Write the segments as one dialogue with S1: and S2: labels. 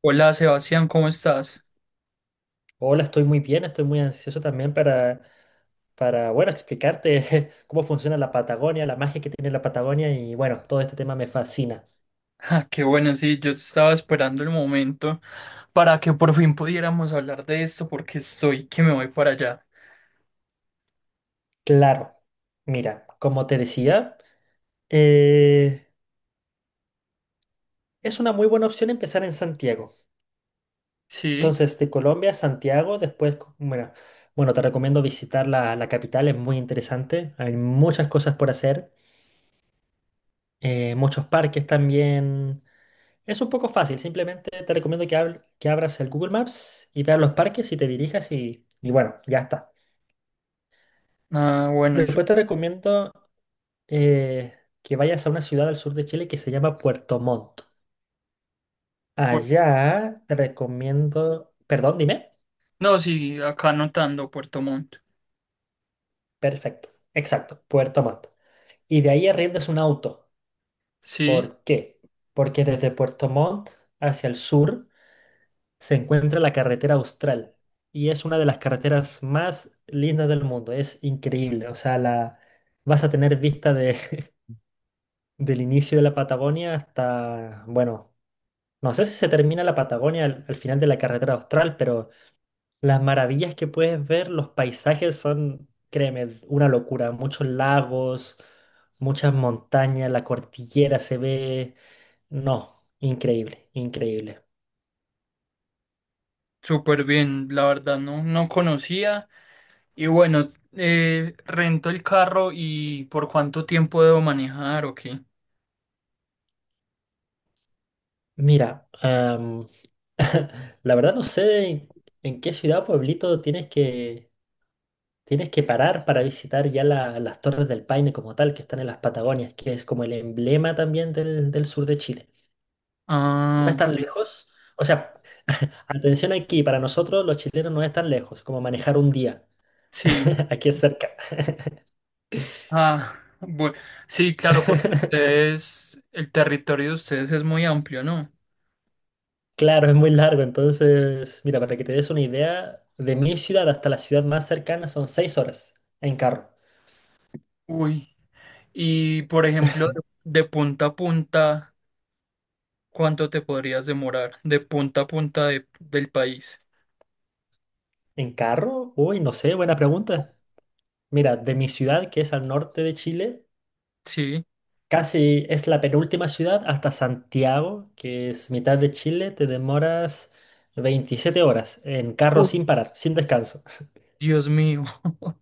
S1: Hola Sebastián, ¿cómo estás?
S2: Hola, estoy muy bien, estoy muy ansioso también para explicarte cómo funciona la Patagonia, la magia que tiene la Patagonia y bueno, todo este tema me fascina.
S1: Ah, qué bueno, sí, yo estaba esperando el momento para que por fin pudiéramos hablar de esto porque estoy que me voy para allá.
S2: Claro, mira, como te decía, eh, es una muy buena opción empezar en Santiago.
S1: Sí,
S2: Entonces, de Colombia a Santiago, después, bueno, te recomiendo visitar la capital, es muy interesante, hay muchas cosas por hacer, muchos parques también. Es un poco fácil, simplemente te recomiendo que, que abras el Google Maps y veas los parques y te dirijas y bueno, ya está.
S1: ah, bueno,
S2: Después te recomiendo eh, que vayas a una ciudad al sur de Chile que se llama Puerto Montt. Allá te recomiendo, perdón, dime.
S1: no, sí, acá anotando Puerto Montt.
S2: Perfecto, exacto, Puerto Montt. Y de ahí arriendas un auto.
S1: Sí,
S2: ¿Por qué? Porque desde Puerto Montt hacia el sur se encuentra la carretera Austral y es una de las carreteras más lindas del mundo. Es increíble, o sea, la, vas a tener vista de, del inicio de la Patagonia hasta, bueno, no sé si se termina la Patagonia al final de la carretera Austral, pero las maravillas que puedes ver, los paisajes son, créeme, una locura. Muchos lagos, muchas montañas, la cordillera se ve, no, increíble, increíble.
S1: súper bien, la verdad no conocía y bueno, rento el carro y ¿por cuánto tiempo debo manejar o qué?
S2: Mira, la verdad no sé en qué ciudad o pueblito tienes que parar para visitar ya las Torres del Paine como tal, que están en las Patagonias, que es como el emblema también del sur de Chile. No
S1: Ah,
S2: es
S1: ok,
S2: tan lejos. O sea, atención aquí, para nosotros los chilenos no es tan lejos como manejar un día.
S1: sí.
S2: Aquí es cerca.
S1: Ah, bueno, sí, claro, porque ustedes, el territorio de ustedes es muy amplio, ¿no?
S2: Claro, es muy largo. Entonces, mira, para que te des una idea, de mi ciudad hasta la ciudad más cercana son 6 horas en carro.
S1: Uy, y por ejemplo, de punta a punta, ¿cuánto te podrías demorar? De punta a punta del país.
S2: ¿En carro? Uy, no sé, buena pregunta. Mira, de mi ciudad, que es al norte de Chile,
S1: Sí.
S2: casi es la penúltima ciudad hasta Santiago, que es mitad de Chile, te demoras 27 horas en carro
S1: Uy,
S2: sin parar, sin descanso.
S1: Dios mío.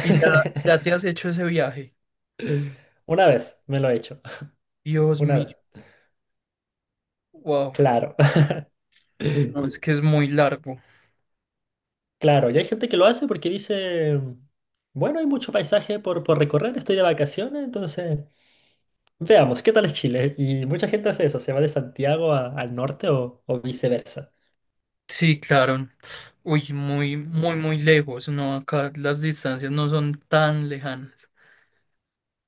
S1: Y ya, ya te has hecho ese viaje.
S2: Una vez me lo he hecho,
S1: Dios
S2: una
S1: mío.
S2: vez.
S1: Wow.
S2: Claro,
S1: No, es que es muy largo.
S2: claro. Y hay gente que lo hace porque dice, bueno, hay mucho paisaje por recorrer, estoy de vacaciones, entonces veamos, ¿qué tal es Chile? Y mucha gente hace eso, se va de Santiago al norte o viceversa.
S1: Sí, claro. Uy, muy, muy, muy lejos. No, acá las distancias no son tan lejanas.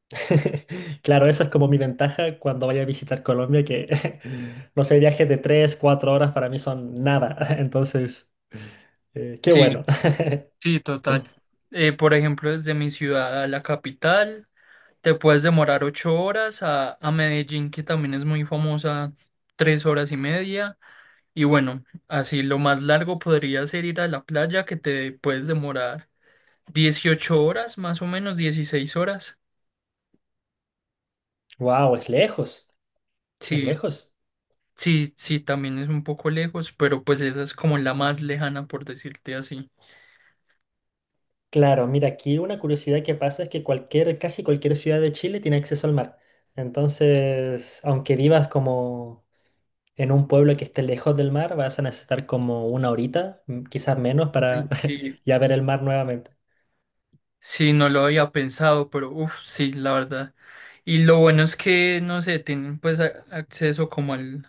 S2: Claro, esa es como mi ventaja cuando vaya a visitar Colombia, que no sé, viajes de 3, 4 horas para mí son nada. Entonces, qué
S1: Sí.
S2: bueno.
S1: Sí, total. Por ejemplo, desde mi ciudad a la capital, te puedes demorar 8 horas a Medellín, que también es muy famosa, 3 horas y media. Y bueno, así lo más largo podría ser ir a la playa, que te puedes demorar 18 horas, más o menos, 16 horas.
S2: Wow, es lejos, es
S1: Sí,
S2: lejos.
S1: sí, sí, también es un poco lejos, pero pues esa es como la más lejana, por decirte así.
S2: Claro, mira, aquí una curiosidad que pasa es que cualquier, casi cualquier ciudad de Chile tiene acceso al mar. Entonces, aunque vivas como en un pueblo que esté lejos del mar, vas a necesitar como una horita, quizás menos, para
S1: Sí.
S2: ya ver el mar nuevamente.
S1: Sí, no lo había pensado, pero uff, sí, la verdad. Y lo bueno es que, no sé, tienen pues acceso como al,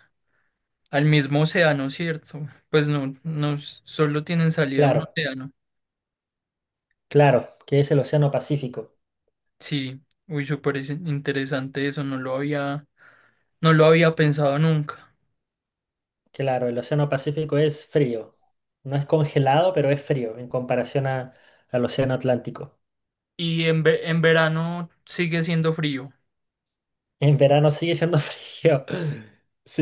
S1: al mismo océano, ¿cierto? Pues no, no, solo tienen salida a un
S2: Claro,
S1: océano.
S2: claro, que es el Océano Pacífico.
S1: Sí, uy, súper interesante eso, no lo había pensado nunca.
S2: Claro, el Océano Pacífico es frío. No es congelado, pero es frío en comparación al Océano Atlántico.
S1: Y en, en verano sigue siendo frío.
S2: En verano sigue siendo frío.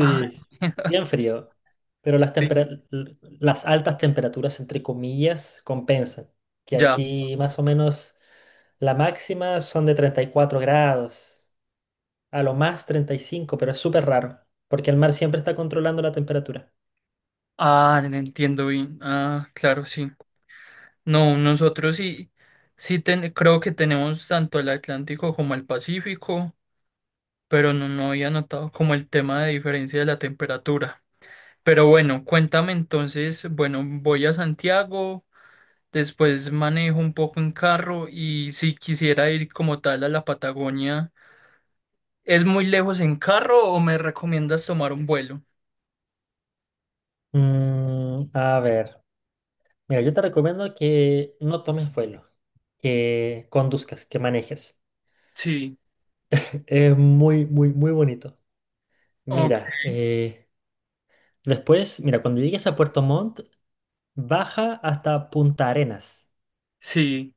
S1: Ah,
S2: bien frío. Pero las altas temperaturas, entre comillas, compensan. Que
S1: ya.
S2: aquí más o menos la máxima son de 34 grados, a lo más 35, pero es súper raro, porque el mar siempre está controlando la temperatura.
S1: Ah, entiendo bien. Ah, claro, sí. No, nosotros sí, creo que tenemos tanto el Atlántico como el Pacífico, pero no había notado como el tema de diferencia de la temperatura. Pero bueno, cuéntame entonces, bueno, voy a Santiago, después manejo un poco en carro y si quisiera ir como tal a la Patagonia, ¿es muy lejos en carro o me recomiendas tomar un vuelo?
S2: A ver. Mira, yo te recomiendo que no tomes vuelo, que conduzcas, que manejes.
S1: Sí,
S2: Es muy, muy, muy bonito.
S1: ok,
S2: Mira, después, mira, cuando llegues a Puerto Montt, baja hasta Punta Arenas.
S1: sí.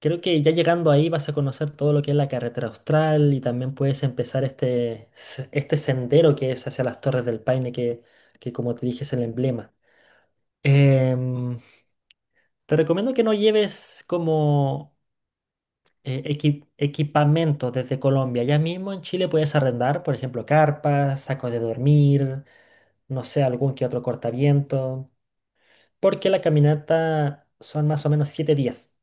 S2: Creo que ya llegando ahí vas a conocer todo lo que es la carretera austral y también puedes empezar este sendero que es hacia las Torres del Paine, que como te dije es el emblema. Em, Te recomiendo que no lleves como equipamiento desde Colombia. Ya mismo en Chile puedes arrendar, por ejemplo, carpas, sacos de dormir, no sé, algún que otro cortaviento, porque la caminata son más o menos 7 días.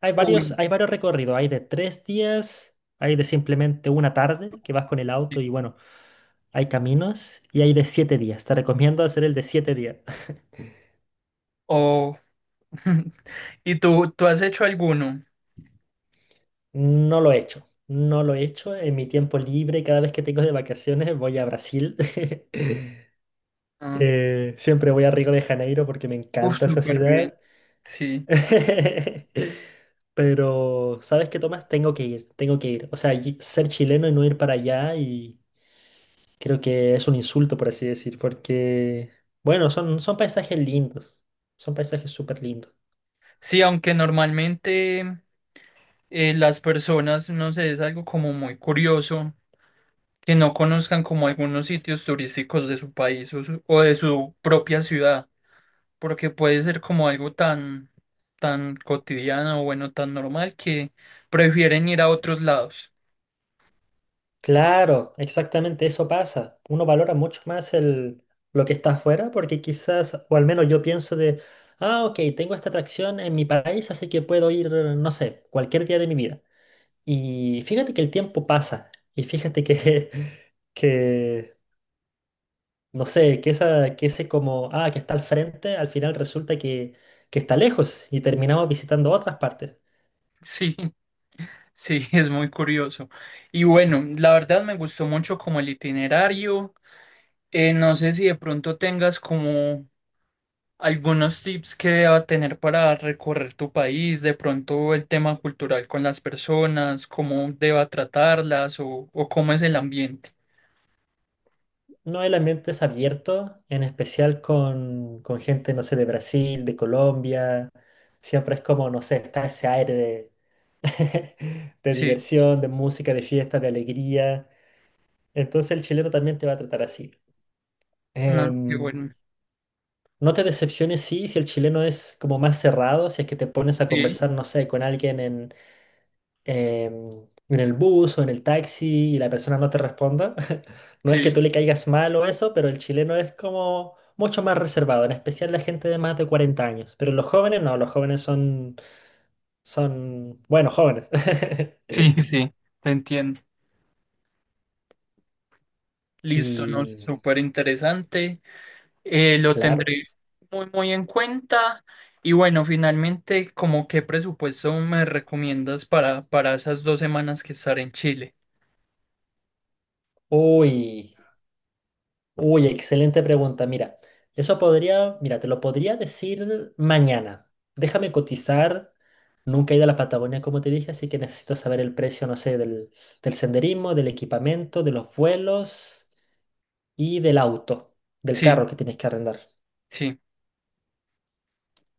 S1: Uy.
S2: Hay varios recorridos, hay de 3 días, hay de simplemente una tarde que vas con el auto y bueno, hay caminos y hay de 7 días. Te recomiendo hacer el de 7 días.
S1: O ¿y tú, has hecho alguno?
S2: No lo he hecho, no lo he hecho. En mi tiempo libre, cada vez que tengo de vacaciones, voy a Brasil.
S1: Ah,
S2: Siempre voy a Río de Janeiro porque me
S1: uf,
S2: encanta esa
S1: súper bien,
S2: ciudad.
S1: sí.
S2: Pero, ¿sabes qué, Tomás? Tengo que ir, tengo que ir. O sea, ser chileno y no ir para allá y creo que es un insulto, por así decir, porque, bueno, son paisajes lindos, son paisajes súper lindos.
S1: Sí, aunque normalmente las personas, no sé, es algo como muy curioso que no conozcan como algunos sitios turísticos de su país o de su propia ciudad, porque puede ser como algo tan, tan cotidiano o bueno, tan normal que prefieren ir a otros lados.
S2: Claro, exactamente eso pasa. Uno valora mucho más el, lo que está afuera porque quizás, o al menos yo pienso de, ah, ok, tengo esta atracción en mi país, así que puedo ir, no sé, cualquier día de mi vida. Y fíjate que el tiempo pasa. Y fíjate que, que no sé, que ese como, ah, que está al frente, al final resulta que está lejos y terminamos visitando otras partes.
S1: Sí, sí, es muy curioso. Y bueno, la verdad me gustó mucho como el itinerario. No sé si de pronto tengas como algunos tips que deba tener para recorrer tu país, de pronto el tema cultural con las personas, cómo deba tratarlas o cómo es el ambiente.
S2: No, el ambiente es abierto, en especial con gente, no sé, de Brasil, de Colombia. Siempre es como, no sé, está ese aire de, de
S1: Sí,
S2: diversión, de música, de fiesta, de alegría. Entonces el chileno también te va a tratar así.
S1: no, qué
S2: Em,
S1: bueno.
S2: No te decepciones, sí, si el chileno es como más cerrado, si es que te pones a
S1: Sí,
S2: conversar, no sé, con alguien em, en el bus o en el taxi y la persona no te responda. No es que
S1: sí,
S2: tú le caigas mal o eso, pero el chileno es como mucho más reservado, en especial la gente de más de 40 años. Pero los jóvenes no, los jóvenes son, son, bueno, jóvenes.
S1: sí, sí, te entiendo. Listo, ¿no?
S2: Y
S1: Súper interesante. Lo
S2: claro,
S1: tendré muy, muy en cuenta. Y bueno, finalmente, ¿como qué presupuesto me recomiendas para esas 2 semanas que estaré en Chile?
S2: uy. Uy, excelente pregunta. Mira, mira, te lo podría decir mañana. Déjame cotizar. Nunca he ido a la Patagonia, como te dije, así que necesito saber el precio, no sé, del senderismo, del equipamiento, de los vuelos y del auto, del carro
S1: Sí,
S2: que tienes que arrendar.
S1: sí.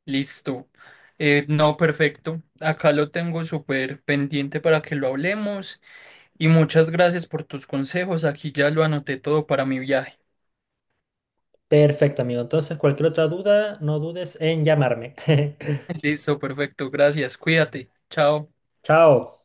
S1: Listo. No, perfecto. Acá lo tengo súper pendiente para que lo hablemos y muchas gracias por tus consejos. Aquí ya lo anoté todo para mi viaje.
S2: Perfecto, amigo. Entonces, cualquier otra duda, no dudes en llamarme.
S1: Listo, perfecto. Gracias. Cuídate. Chao.
S2: Chao.